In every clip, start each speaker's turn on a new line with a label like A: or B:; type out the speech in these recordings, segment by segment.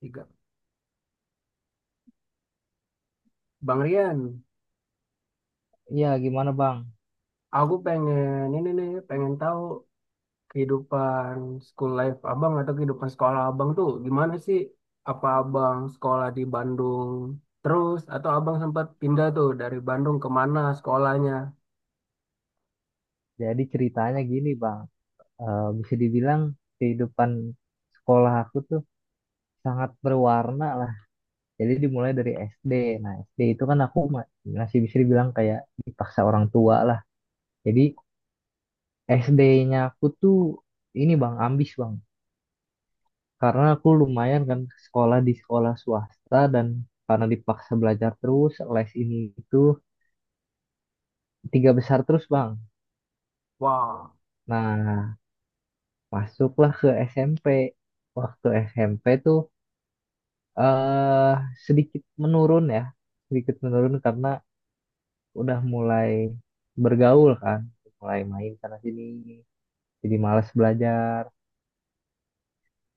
A: Tiga. Bang Rian,
B: Iya, gimana Bang?
A: aku pengen ini nih, pengen tahu kehidupan school life abang atau kehidupan sekolah abang tuh gimana sih? Apa abang sekolah di Bandung terus atau abang sempat pindah tuh dari Bandung ke mana sekolahnya?
B: Jadi ceritanya gini Bang. Bisa dibilang kehidupan sekolah aku tuh sangat berwarna lah. Jadi dimulai dari SD. Nah, SD itu kan aku masih bisa dibilang kayak dipaksa orang tua lah. Jadi SD-nya aku tuh ini Bang, ambis Bang. Karena aku lumayan kan sekolah di sekolah swasta dan karena dipaksa belajar terus, les ini itu tiga besar terus Bang.
A: Wah,
B: Nah, masuklah ke SMP. Waktu SMP tuh eh sedikit menurun ya, sedikit menurun karena udah mulai bergaul kan, mulai main sana sini, jadi malas belajar.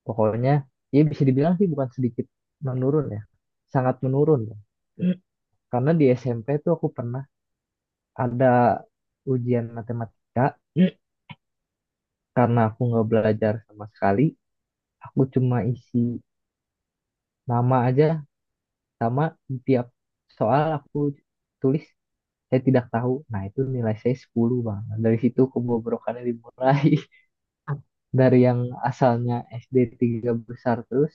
B: Pokoknya, ya bisa dibilang sih bukan sedikit menurun ya, sangat menurun, ya. Karena di SMP tuh aku pernah ada ujian matematika, karena aku nggak belajar sama sekali, aku cuma isi nama aja sama di tiap soal aku tulis saya tidak tahu. Nah, itu nilai saya 10 Bang. Dari situ kebobrokannya dimulai. Dari yang asalnya SD tiga besar terus,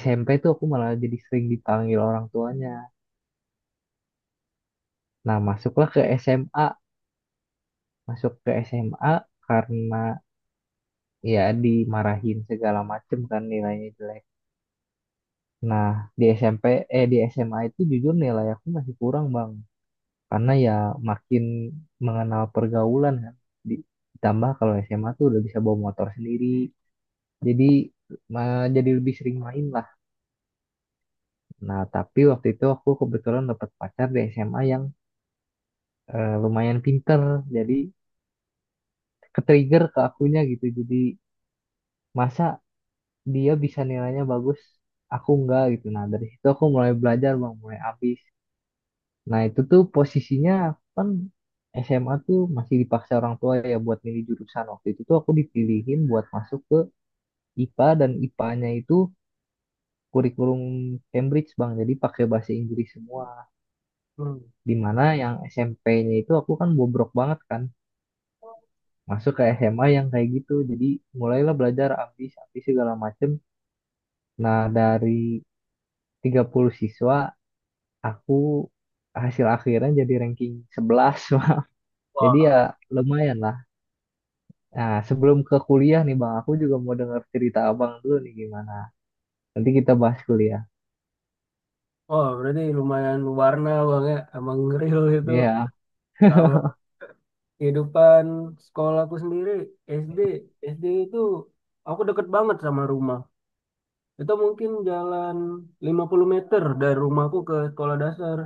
B: SMP tuh aku malah jadi sering dipanggil orang tuanya. Nah, masuklah ke SMA. Masuk ke SMA karena ya dimarahin segala macem kan nilainya jelek. Nah, di SMP, eh di SMA itu jujur nilai aku masih kurang, Bang. Karena ya makin mengenal pergaulan kan. Di- Ditambah kalau SMA tuh udah bisa bawa motor sendiri, jadi jadi lebih sering main lah. Nah, tapi waktu itu aku kebetulan dapat pacar di SMA yang lumayan pinter, jadi ke-trigger ke akunya gitu. Jadi masa dia bisa nilainya bagus, aku enggak gitu. Nah, dari situ aku mulai belajar bang, mulai habis. Nah, itu tuh posisinya kan SMA tuh masih dipaksa orang tua ya buat milih jurusan. Waktu itu tuh aku dipilihin buat masuk ke IPA dan IPA-nya itu kurikulum Cambridge bang, jadi pakai bahasa Inggris semua.
A: hmm.
B: Di mana yang SMP-nya itu aku kan bobrok banget kan masuk ke SMA yang kayak gitu jadi mulailah belajar ambis ambis segala macem. Nah, dari 30 siswa aku hasil akhirnya jadi ranking 11. Wah. Jadi ya
A: Wah,
B: lumayan lah. Nah, sebelum ke kuliah nih bang aku juga mau dengar cerita abang dulu nih gimana, nanti kita bahas kuliah.
A: wah, berarti lumayan warna bang ya, emang real itu.
B: Iya,
A: Kalau kehidupan sekolahku sendiri, SD, SD itu aku deket banget sama rumah. Itu mungkin jalan 50 meter dari rumahku ke sekolah dasar.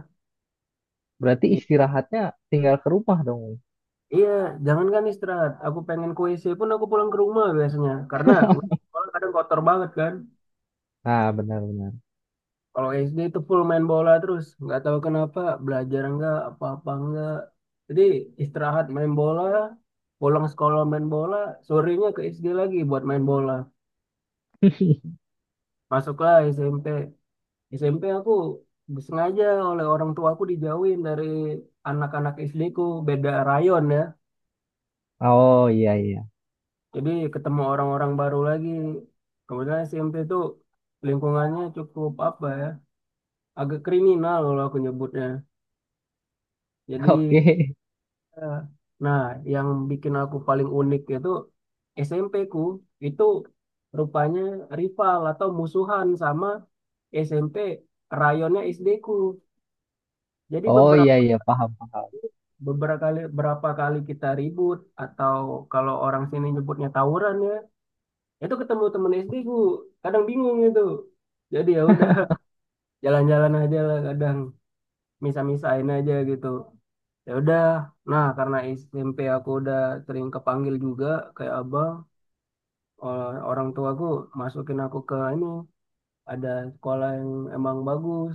B: berarti
A: I-
B: istirahatnya tinggal ke rumah dong.
A: iya, jangankan istirahat. Aku pengen ke WC pun aku pulang ke rumah biasanya. Karena sekolah kadang kotor banget kan.
B: Nah, benar-benar.
A: Kalau SD itu full main bola terus. Nggak tahu kenapa, belajar enggak, apa-apa enggak. Jadi istirahat main bola, pulang sekolah main bola, sorenya ke SD lagi buat main bola. Masuklah SMP. SMP aku sengaja oleh orang tua aku dijauhin dari anak-anak SD ku, beda rayon ya.
B: Oh iya iya.
A: Jadi ketemu orang-orang baru lagi. Kemudian SMP itu lingkungannya cukup apa ya, agak kriminal kalau aku nyebutnya. Jadi,
B: Oke.
A: eh, nah, yang bikin aku paling unik itu SMP ku itu rupanya rival atau musuhan sama SMP rayonnya SD ku. Jadi
B: Oh iya
A: beberapa
B: iya paham paham.
A: beberapa kali berapa kali kita ribut, atau kalau orang sini nyebutnya tawuran ya, itu ketemu temen SD ku kadang bingung gitu, jadi ya udah, jalan-jalan aja lah kadang, misa-misain aja gitu, ya udah. Nah, karena SMP aku udah sering kepanggil juga kayak abang, orang tuaku masukin aku ke ini, ada sekolah yang emang bagus.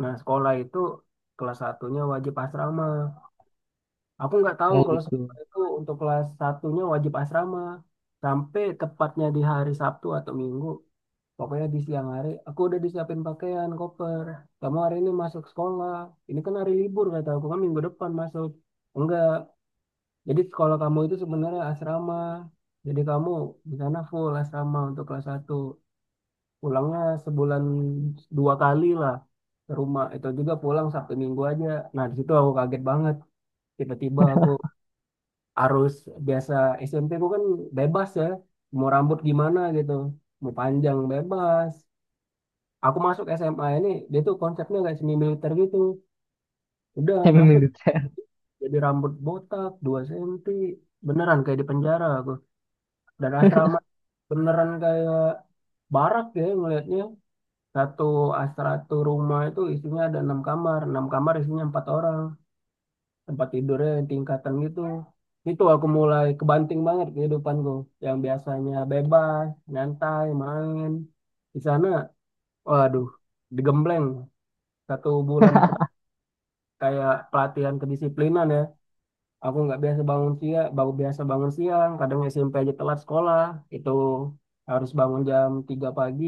A: Nah, sekolah itu kelas satunya wajib asrama. Aku nggak tahu
B: Oh
A: kalau sekolah
B: gitu.
A: itu untuk kelas satunya wajib asrama. Sampai tepatnya di hari Sabtu atau Minggu. Pokoknya di siang hari, aku udah disiapin pakaian, koper. Kamu hari ini masuk sekolah. Ini kan hari libur, kata aku kan minggu depan masuk. Enggak. Jadi sekolah kamu itu sebenarnya asrama. Jadi kamu di sana full asrama untuk kelas satu. Pulangnya sebulan 2 kali lah ke rumah. Itu juga pulang Sabtu Minggu aja. Nah, di situ aku kaget banget. Tiba-tiba aku harus biasa. SMP ku kan bebas ya, mau rambut gimana gitu, mau panjang bebas. Aku masuk SMA ini, dia tuh konsepnya kayak semi militer gitu. Udah
B: Saya
A: masuk,
B: militer.
A: jadi rambut botak 2 senti, beneran kayak di penjara aku. Dan asrama beneran kayak barak ya ngelihatnya. Satu asrama satu rumah itu isinya ada 6 kamar, 6 kamar isinya 4 orang, tempat tidurnya yang tingkatan gitu. Itu aku mulai kebanting banget kehidupanku, yang biasanya bebas, nyantai, main. Di sana, waduh, digembleng satu bulan pertama kayak pelatihan kedisiplinan ya. Aku nggak biasa bangun siang, baru biasa bangun siang, kadang SMP aja telat sekolah. Itu harus bangun jam 3 pagi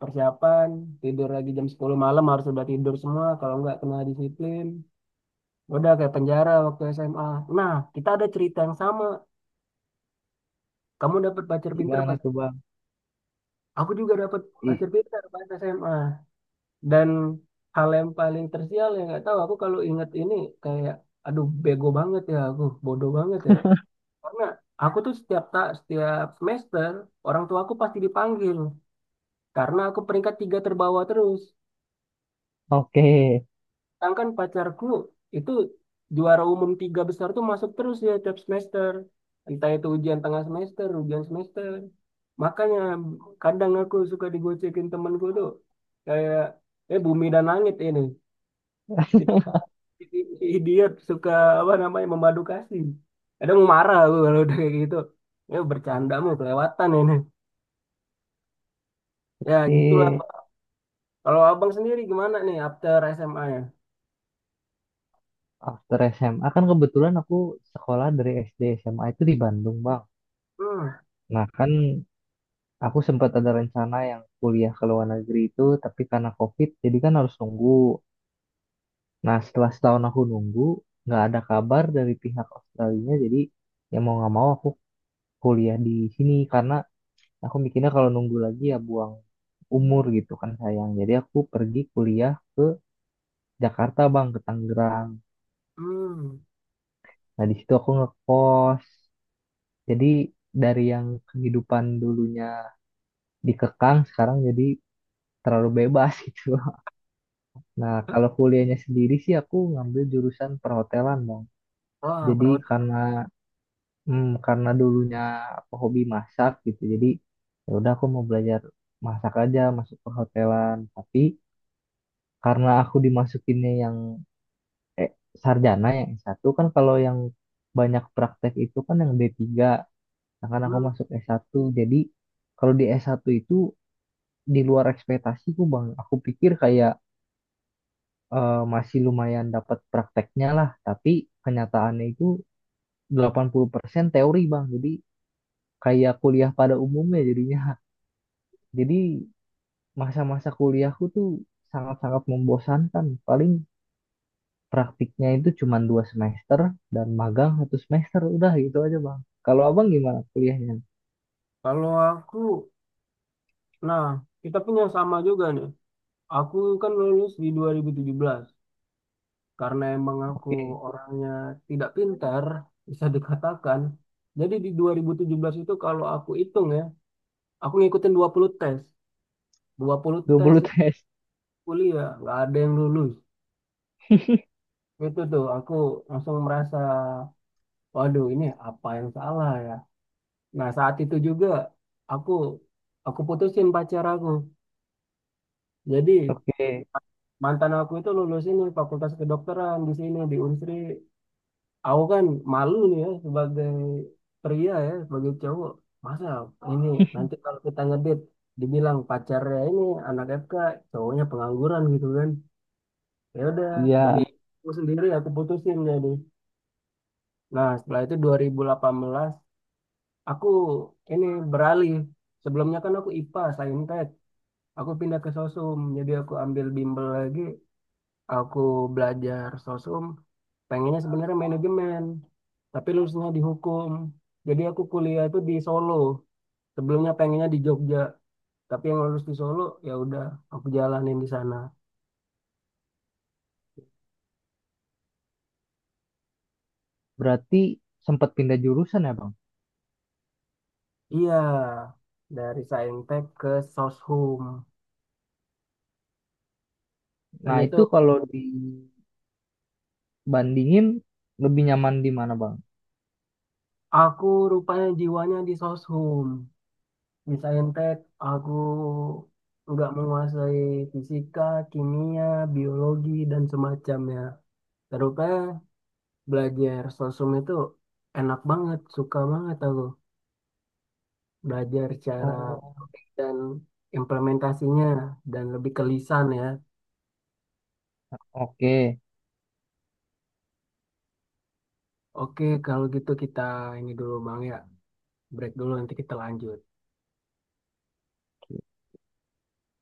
A: persiapan, tidur lagi jam 10 malam, harus udah tidur semua, kalau nggak kena disiplin. Udah kayak penjara waktu SMA. Nah, kita ada cerita yang sama. Kamu dapat pacar pinter
B: Gimana
A: pas,
B: tuh Bang?
A: aku juga dapat
B: I-
A: pacar pinter pas SMA. Dan hal yang paling tersial yang nggak tahu aku kalau inget ini, kayak, aduh, bego banget ya aku, bodoh banget ya. Karena aku tuh setiap tak setiap semester orang tua aku pasti dipanggil, karena aku peringkat tiga terbawah terus.
B: Oke,
A: Sedangkan pacarku itu juara umum, tiga besar tuh masuk terus ya tiap semester. Entah itu ujian tengah semester, ujian semester. Makanya kadang aku suka digocekin temanku tuh, kayak, eh, bumi dan langit ini. Si Idiot suka apa namanya memadu kasih. Kadang mau marah aku kalau udah kayak gitu. Ya bercanda mau kelewatan ini. Ya gitulah.
B: oke.
A: Kalau abang sendiri gimana nih after SMA ya?
B: After SMA kan kebetulan aku sekolah dari SD SMA itu di Bandung Bang.
A: Hmm,
B: Nah kan aku sempat ada rencana yang kuliah ke luar negeri itu, tapi karena COVID jadi kan harus nunggu. Nah setelah setahun aku nunggu, nggak ada kabar dari pihak Australia, jadi ya mau nggak mau aku kuliah di sini karena aku mikirnya kalau nunggu lagi ya buang umur gitu kan sayang. Jadi aku pergi kuliah Jakarta bang ke Tangerang.
A: hmm.
B: Nah di situ aku ngekos. Jadi dari yang kehidupan dulunya dikekang sekarang jadi terlalu bebas gitu. Nah kalau kuliahnya sendiri sih aku ngambil jurusan perhotelan bang.
A: Wah,
B: Jadi
A: perawat.
B: karena karena dulunya aku hobi masak gitu. Jadi ya udah aku mau belajar masak aja masuk perhotelan. Tapi karena aku dimasukinnya yang eh, sarjana yang S1 kan kalau yang banyak praktek itu kan yang D3. Akan aku masuk S1. Jadi kalau di S1 itu di luar ekspektasiku Bang. Aku pikir kayak masih lumayan dapat prakteknya lah, tapi kenyataannya itu 80% teori Bang. Jadi kayak kuliah pada umumnya jadinya. Jadi masa-masa kuliahku tuh sangat-sangat membosankan. Paling praktiknya itu cuma 2 semester dan magang 1 semester udah gitu aja Bang. Kalau Abang gimana kuliahnya?
A: Kalau aku, nah, kita punya sama juga nih. Aku kan lulus di 2017, karena emang aku
B: Oke,
A: orangnya tidak pintar, bisa dikatakan. Jadi di 2017 itu kalau aku hitung ya, aku ngikutin 20 tes. 20 tes
B: 20 tes.
A: kuliah, nggak ada yang lulus. Itu tuh aku langsung merasa, waduh, ini apa yang salah ya. Nah, saat itu juga aku aku putusin pacar aku. Jadi
B: Oke.
A: mantan aku itu lulus ini fakultas kedokteran di sini di Unsri. Aku kan malu nih ya sebagai pria, ya sebagai cowok, masa ini nanti kalau kita ngedit dibilang pacarnya ini anak FK, cowoknya pengangguran gitu kan. Ya udah, demi
B: Iya,
A: Iya. Aku sendiri aku putusin. Jadi, nah, setelah itu 2018 aku ini beralih. Sebelumnya kan aku IPA Saintek, aku pindah ke Sosum, jadi aku ambil bimbel lagi. Aku belajar sosum, pengennya sebenarnya manajemen, tapi lulusnya di hukum. Jadi aku kuliah itu di Solo, sebelumnya pengennya di Jogja, tapi yang lulus di Solo, ya udah aku jalanin di sana.
B: berarti sempat pindah jurusan ya, Bang?
A: Iya, dari Saintek ke Soshum, dan
B: Nah,
A: itu
B: itu kalau dibandingin lebih nyaman di mana, Bang?
A: aku rupanya jiwanya di Soshum. Di Saintek aku nggak menguasai fisika, kimia, biologi dan semacamnya. Terus belajar sosum itu enak banget, suka banget aku belajar cara
B: Oh,
A: dan implementasinya, dan lebih ke lisan ya.
B: oke.
A: Oke, kalau gitu kita ini dulu Bang ya, break dulu nanti kita lanjut.